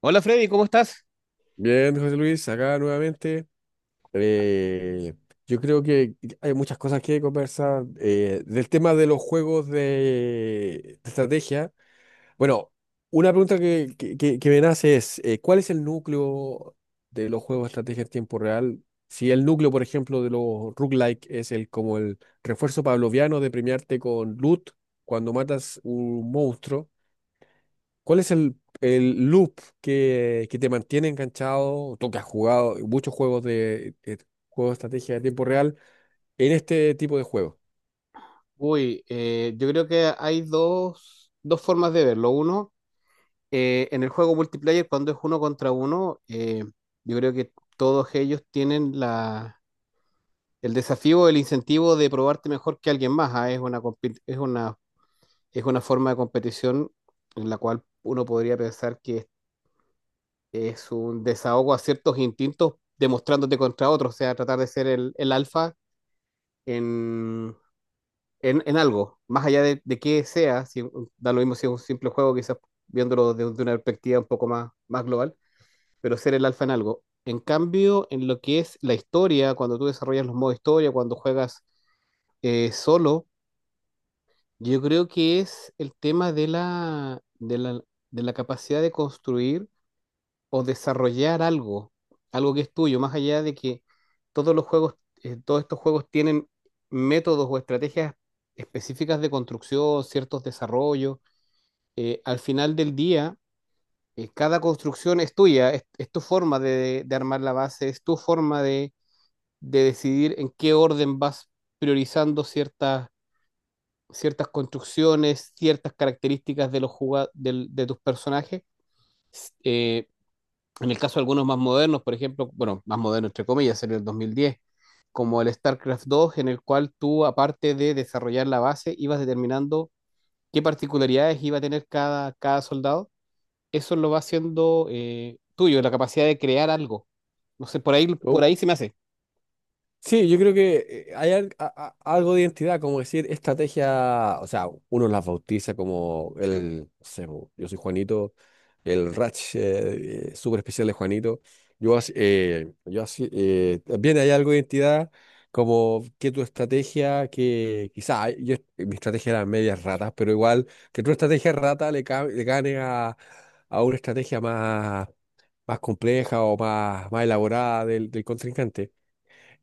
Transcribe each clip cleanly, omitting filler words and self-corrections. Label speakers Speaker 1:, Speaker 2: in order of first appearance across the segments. Speaker 1: Hola Freddy, ¿cómo estás?
Speaker 2: Bien, José Luis, acá nuevamente. Eh, yo creo que hay muchas cosas que conversar del tema de los juegos de estrategia. Bueno, una pregunta que me nace es, ¿cuál es el núcleo de los juegos de estrategia en tiempo real? Si el núcleo, por ejemplo, de los roguelike es el como el refuerzo pavloviano de premiarte con loot cuando matas un monstruo. ¿Cuál es el loop que te mantiene enganchado? Tú que has jugado muchos juegos de estrategia de tiempo real en este tipo de juegos.
Speaker 1: Uy, yo creo que hay dos formas de verlo. Uno, en el juego multiplayer, cuando es uno contra uno, yo creo que todos ellos tienen el desafío, el incentivo de probarte mejor que alguien más. Es una, es una forma de competición en la cual uno podría pensar que es un desahogo a ciertos instintos demostrándote contra otros, o sea, tratar de ser el alfa en algo, más allá de qué sea, si, da lo mismo si es un simple juego, quizás viéndolo desde una perspectiva un poco más, más global, pero ser el alfa en algo. En cambio, en lo que es la historia, cuando tú desarrollas los modos historia, cuando juegas solo, yo creo que es el tema de de la capacidad de construir o desarrollar algo, algo que es tuyo, más allá de que todos los juegos, todos estos juegos tienen métodos o estrategias específicas de construcción, ciertos desarrollos. Al final del día, cada construcción es tuya, es tu forma de armar la base, es tu forma de decidir en qué orden vas priorizando ciertas construcciones, ciertas características de los de tus personajes. Eh, En el caso de algunos más modernos, por ejemplo, bueno, más modernos entre comillas, sería el 2010, como el StarCraft 2, en el cual tú, aparte de desarrollar la base, ibas determinando qué particularidades iba a tener cada soldado. Eso lo va haciendo tuyo, la capacidad de crear algo. No sé, por
Speaker 2: Oh,
Speaker 1: ahí se me hace.
Speaker 2: Sí, yo creo que hay algo de identidad, como decir, estrategia, o sea, uno las bautiza como el, no sé, bo, yo soy Juanito el Ratch súper especial de Juanito. Yo así, también hay algo de identidad, como que tu estrategia, que quizá ay, yo, mi estrategia era medias ratas, pero igual que tu estrategia rata le gane a una estrategia más, más compleja o más, más elaborada del, del contrincante.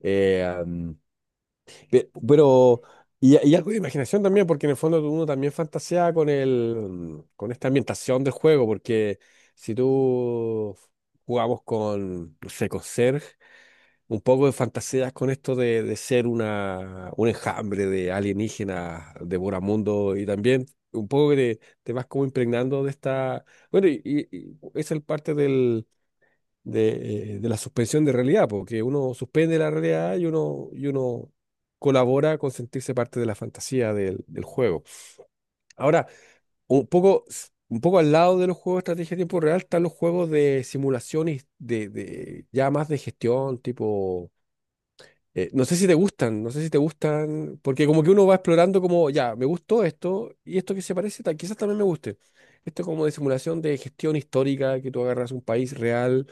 Speaker 2: Eh, Pero, y algo de imaginación también, porque en el fondo uno también fantasea con el, con esta ambientación del juego, porque si tú jugamos con, no sé, con Serg, un poco de fantasías con esto de ser una, un enjambre de alienígenas, devoramundo, y también un poco que te vas como impregnando de esta, bueno, y es el parte del de la suspensión de realidad, porque uno suspende la realidad y uno colabora con sentirse parte de la fantasía del, del juego. Ahora, un poco, un poco al lado de los juegos de estrategia de tiempo real están los juegos de simulaciones de- ya más de gestión, tipo... no sé si te gustan, no sé si te gustan, porque como que uno va explorando como, ya, me gustó esto y esto que se parece, quizás también me guste. Esto es como de simulación de gestión histórica, que tú agarras un país real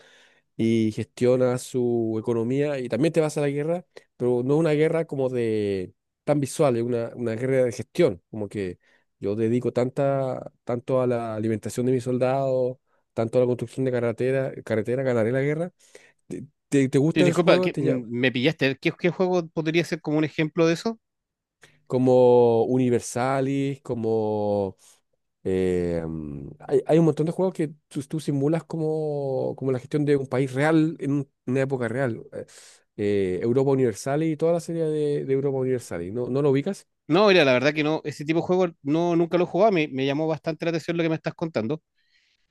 Speaker 2: y gestiona su economía y también te vas a la guerra, pero no es una guerra como de tan visual, es una guerra de gestión, como que yo dedico tanto a la alimentación de mis soldados, tanto a la construcción de carretera, ganaré la guerra. ¿Te, te
Speaker 1: Sí,
Speaker 2: gustan esos
Speaker 1: disculpa,
Speaker 2: juegos? ¿Te llama?
Speaker 1: me pillaste. ¿ qué juego podría ser como un ejemplo de eso?
Speaker 2: Como Universalis, como... hay un montón de juegos que tú simulas como, como la gestión de un país real en una época real. Europa Universalis y toda la serie de Europa Universalis. ¿ no lo ubicas?
Speaker 1: No, mira, la verdad que no, ese tipo de juego no, nunca lo he jugado. Me llamó bastante la atención lo que me estás contando.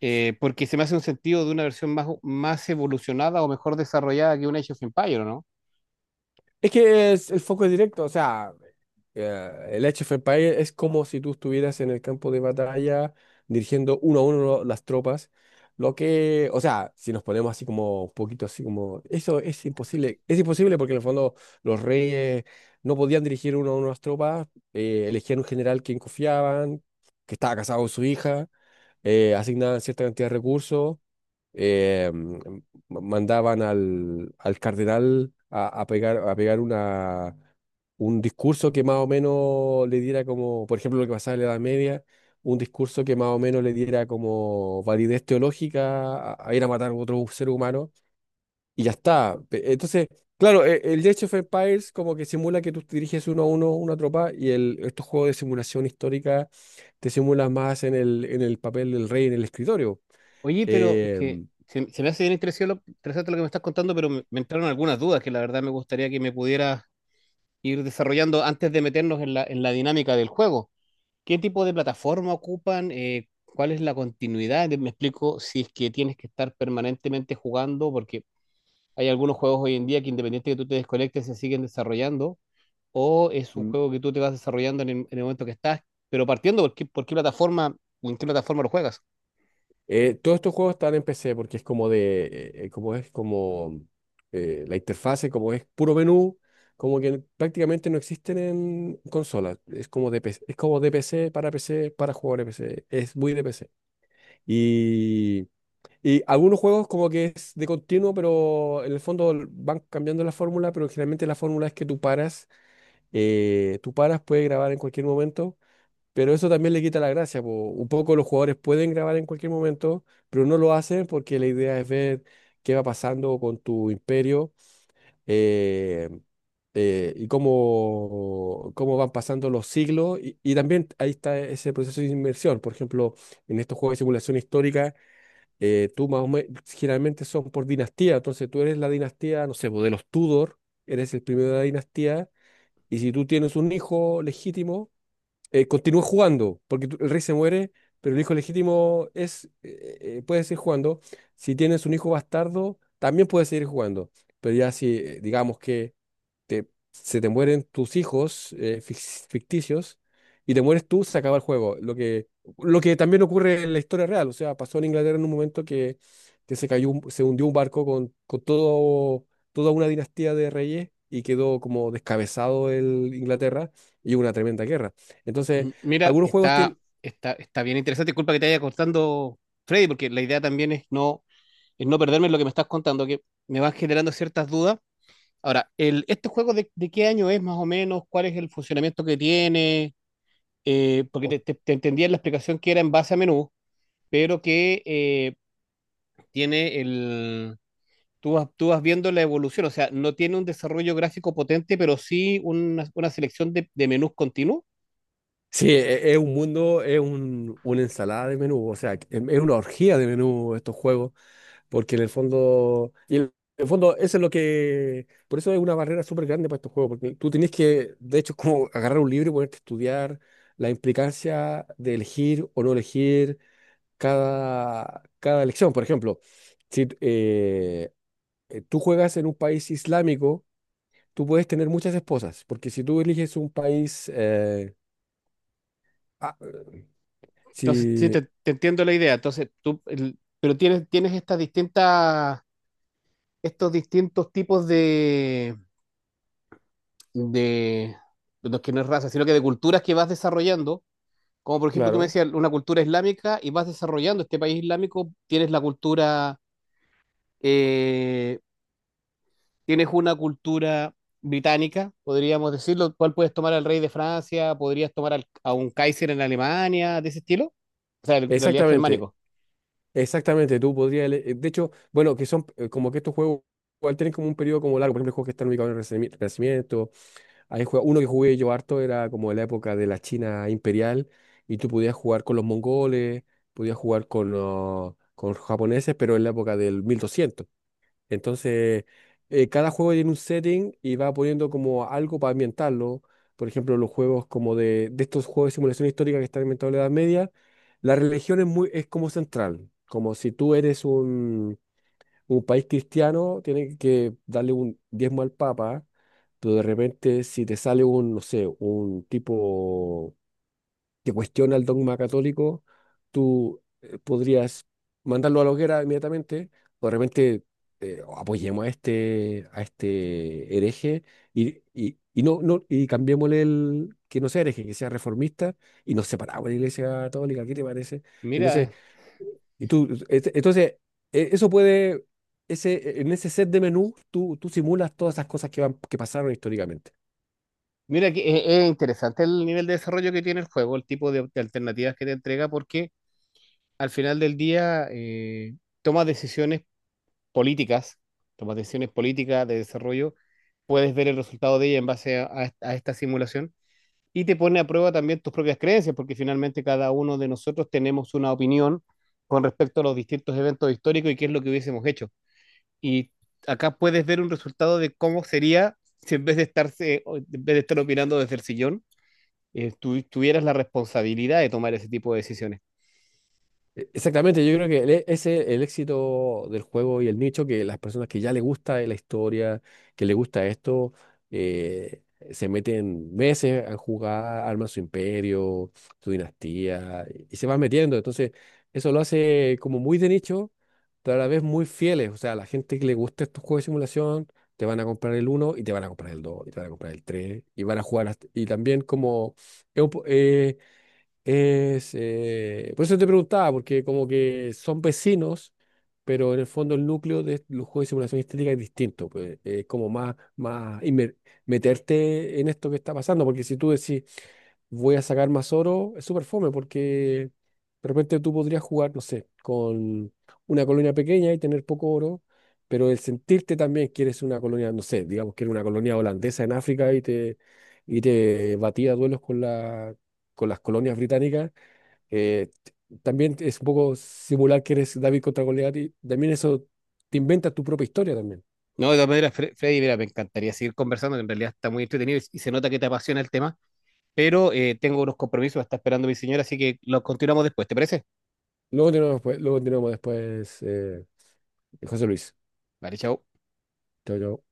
Speaker 1: Porque se me hace un sentido de una versión más, más evolucionada o mejor desarrollada que un Age of Empire, ¿no?
Speaker 2: Es que el foco es directo, o sea... Ya, el Age of Empires es como si tú estuvieras en el campo de batalla dirigiendo uno a uno las tropas. Lo que, o sea, si nos ponemos así como un poquito así como, eso es imposible. Es imposible porque en el fondo los reyes no podían dirigir uno a uno las tropas, elegían un general quien confiaban, que estaba casado con su hija, asignaban cierta cantidad de recursos eh, mandaban al, al cardenal a pegar una, un discurso que más o menos le diera como, por ejemplo, lo que pasaba en la Edad Media, un discurso que más o menos le diera como validez teológica a ir a matar a otro ser humano, y ya está. Entonces, claro, el Age of Empires como que simula que tú diriges uno a uno una tropa, y el, estos juegos de simulación histórica te simulan más en el papel del rey en el escritorio.
Speaker 1: Oye, pero es que
Speaker 2: Em,
Speaker 1: se me hace bien interesante lo que me estás contando, pero me entraron algunas dudas que la verdad me gustaría que me pudieras ir desarrollando antes de meternos en en la dinámica del juego. ¿Qué tipo de plataforma ocupan? ¿Cuál es la continuidad? Me explico si es que tienes que estar permanentemente jugando, porque hay algunos juegos hoy en día que independiente de que tú te desconectes, se siguen desarrollando. O es un juego que tú te vas desarrollando en en el momento que estás, pero partiendo por por qué plataforma o en qué plataforma lo juegas.
Speaker 2: Todos estos juegos están en PC porque es como de, como es como la interfase, como es puro menú, como que prácticamente no existen en consolas. Es como de PC, es como de PC para PC para jugadores de PC. Es muy de PC. Y, y algunos juegos como que es de continuo, pero en el fondo van cambiando la fórmula, pero generalmente la fórmula es que tú paras, puedes grabar en cualquier momento pero eso también le quita la gracia, po. Un poco los jugadores pueden grabar en cualquier momento, pero no lo hacen porque la idea es ver qué va pasando con tu imperio eh, y cómo, cómo van pasando los siglos. Y también ahí está ese proceso de inmersión. Por ejemplo, en estos juegos de simulación histórica, tú más o menos, generalmente son por dinastía. Entonces tú eres la dinastía, no sé, po, de los Tudor, eres el primero de la dinastía. Y si tú tienes un hijo legítimo, continúa jugando, porque el rey se muere, pero el hijo legítimo es, puede seguir jugando. Si tienes un hijo bastardo, también puede seguir jugando. Pero ya si, digamos que te- se te mueren tus hijos ficticios y te mueres tú, se acaba el juego. Lo que también ocurre en la historia real. O sea, pasó en Inglaterra en un momento que se cayó, se hundió un barco con todo, toda una dinastía de reyes y quedó como descabezado el Inglaterra y hubo una tremenda guerra. Entonces,
Speaker 1: M- Mira,
Speaker 2: algunos juegos
Speaker 1: está,
Speaker 2: tienen...
Speaker 1: está, está bien interesante. Disculpa que te haya cortando Freddy, porque la idea también es es no perderme en lo que me estás contando, que me van generando ciertas dudas. Ahora, ¿este juego de qué año es más o menos? ¿Cuál es el funcionamiento que tiene? Porque
Speaker 2: o-
Speaker 1: te entendía la explicación que era en base a menú, pero que tiene el tú vas viendo la evolución, o sea, no tiene un desarrollo gráfico potente, pero sí una selección de menús continuos.
Speaker 2: Sí, es un mundo, es un, una ensalada de menú, o sea, es una orgía de menú estos juegos. Porque en el fondo, y en el fondo eso es lo que, por eso es una barrera súper grande para estos juegos, porque tú tienes que, de hecho, es como agarrar un libro y ponerte a estudiar la implicancia de elegir o no elegir cada, cada elección. Por ejemplo, si tú juegas en un país islámico, tú puedes tener muchas esposas, porque si tú eliges un país, ah, eh,
Speaker 1: Entonces, sí,
Speaker 2: si,
Speaker 1: te entiendo la idea. Entonces, tú, pero tienes, tienes estas distintas, estos distintos tipos de, de los que no es raza, sino que de culturas que vas desarrollando. Como por ejemplo, tú me
Speaker 2: claro,
Speaker 1: decías una cultura islámica y vas desarrollando este país islámico, tienes la cultura eh, tienes una cultura británica, podríamos decirlo, cuál puedes tomar al rey de Francia, podrías tomar a un Kaiser en Alemania, de ese estilo. O sea, en realidad es
Speaker 2: exactamente.
Speaker 1: germánico.
Speaker 2: Exactamente, tú podrías... De hecho, bueno, que son como que estos juegos igual tienen como un periodo como largo. Por ejemplo, juegos que están ubicados en el Renacimiento. Hay uno que jugué yo harto era como de la época de la China imperial y tú podías jugar con los mongoles, podías jugar con los japoneses, pero en la época del 1200. Entonces, cada juego tiene un setting y va poniendo como algo para ambientarlo. Por ejemplo, los juegos como de estos juegos de simulación histórica que están inventados en la Edad Media, la religión es muy, es como central. Como si tú eres un país cristiano, tienes que darle un diezmo al Papa, pero de repente si te sale un, no sé, un tipo que cuestiona el dogma católico, tú podrías mandarlo a la hoguera inmediatamente, o de repente apoyemos a este hereje y no, no, y cambiémosle el que no sea hereje, que sea reformista, y nos separamos de la Iglesia Católica, ¿qué te parece? Entonces,
Speaker 1: Mira,
Speaker 2: entonces, eso puede, ese, en ese set de menú, tú simulas todas esas cosas que van, que pasaron históricamente.
Speaker 1: mira que es interesante el nivel de desarrollo que tiene el juego, el tipo de alternativas que te entrega, porque al final del día tomas decisiones políticas, tomas decisiones políticas de desarrollo, puedes ver el resultado de ella en base a esta a esta simulación y te pone a prueba también tus propias creencias, porque finalmente cada uno de nosotros tenemos una opinión con respecto a los distintos eventos históricos y qué es lo que hubiésemos hecho. Y acá puedes ver un resultado de cómo sería si en vez de o en vez de estar opinando desde el sillón, tú tuvieras la responsabilidad de tomar ese tipo de decisiones.
Speaker 2: Exactamente, yo creo que ese es el éxito del juego y el nicho, que las personas que ya les gusta la historia, que les gusta esto, eh, se meten meses a jugar, arman su imperio, su dinastía, y se van metiendo. Entonces, eso lo hace como muy de nicho, pero a la vez muy fieles. O sea, a la gente que le gusta estos juegos de simulación, te van a comprar el uno y te van a comprar el 2 y te van a comprar el 3 y van a jugar hasta... Y también como... Es, por eso te preguntaba, porque como que son vecinos, pero en el fondo el núcleo de los juegos de simulación estética es distinto, pues, es como más, más meterte en esto que está pasando, porque si tú decís, voy a sacar más oro, es súper fome porque de repente tú podrías jugar, no sé, con una colonia pequeña y tener poco oro, pero el sentirte también que eres una colonia, no sé, digamos que eres una colonia holandesa en África y te batía a duelos con la, con las colonias británicas, eh, t- también es un poco simular que eres David contra Goliat y también eso te inventas tu propia historia también.
Speaker 1: No, de todas maneras, Freddy, mira, me encantaría seguir conversando, que en realidad está muy entretenido y se nota que te apasiona el tema, pero tengo unos compromisos, me está esperando mi señora, así que los continuamos después, ¿te parece?
Speaker 2: Luego continuamos, pues, luego continuamos después, José Luis.
Speaker 1: Vale, chao.
Speaker 2: Chao, chao.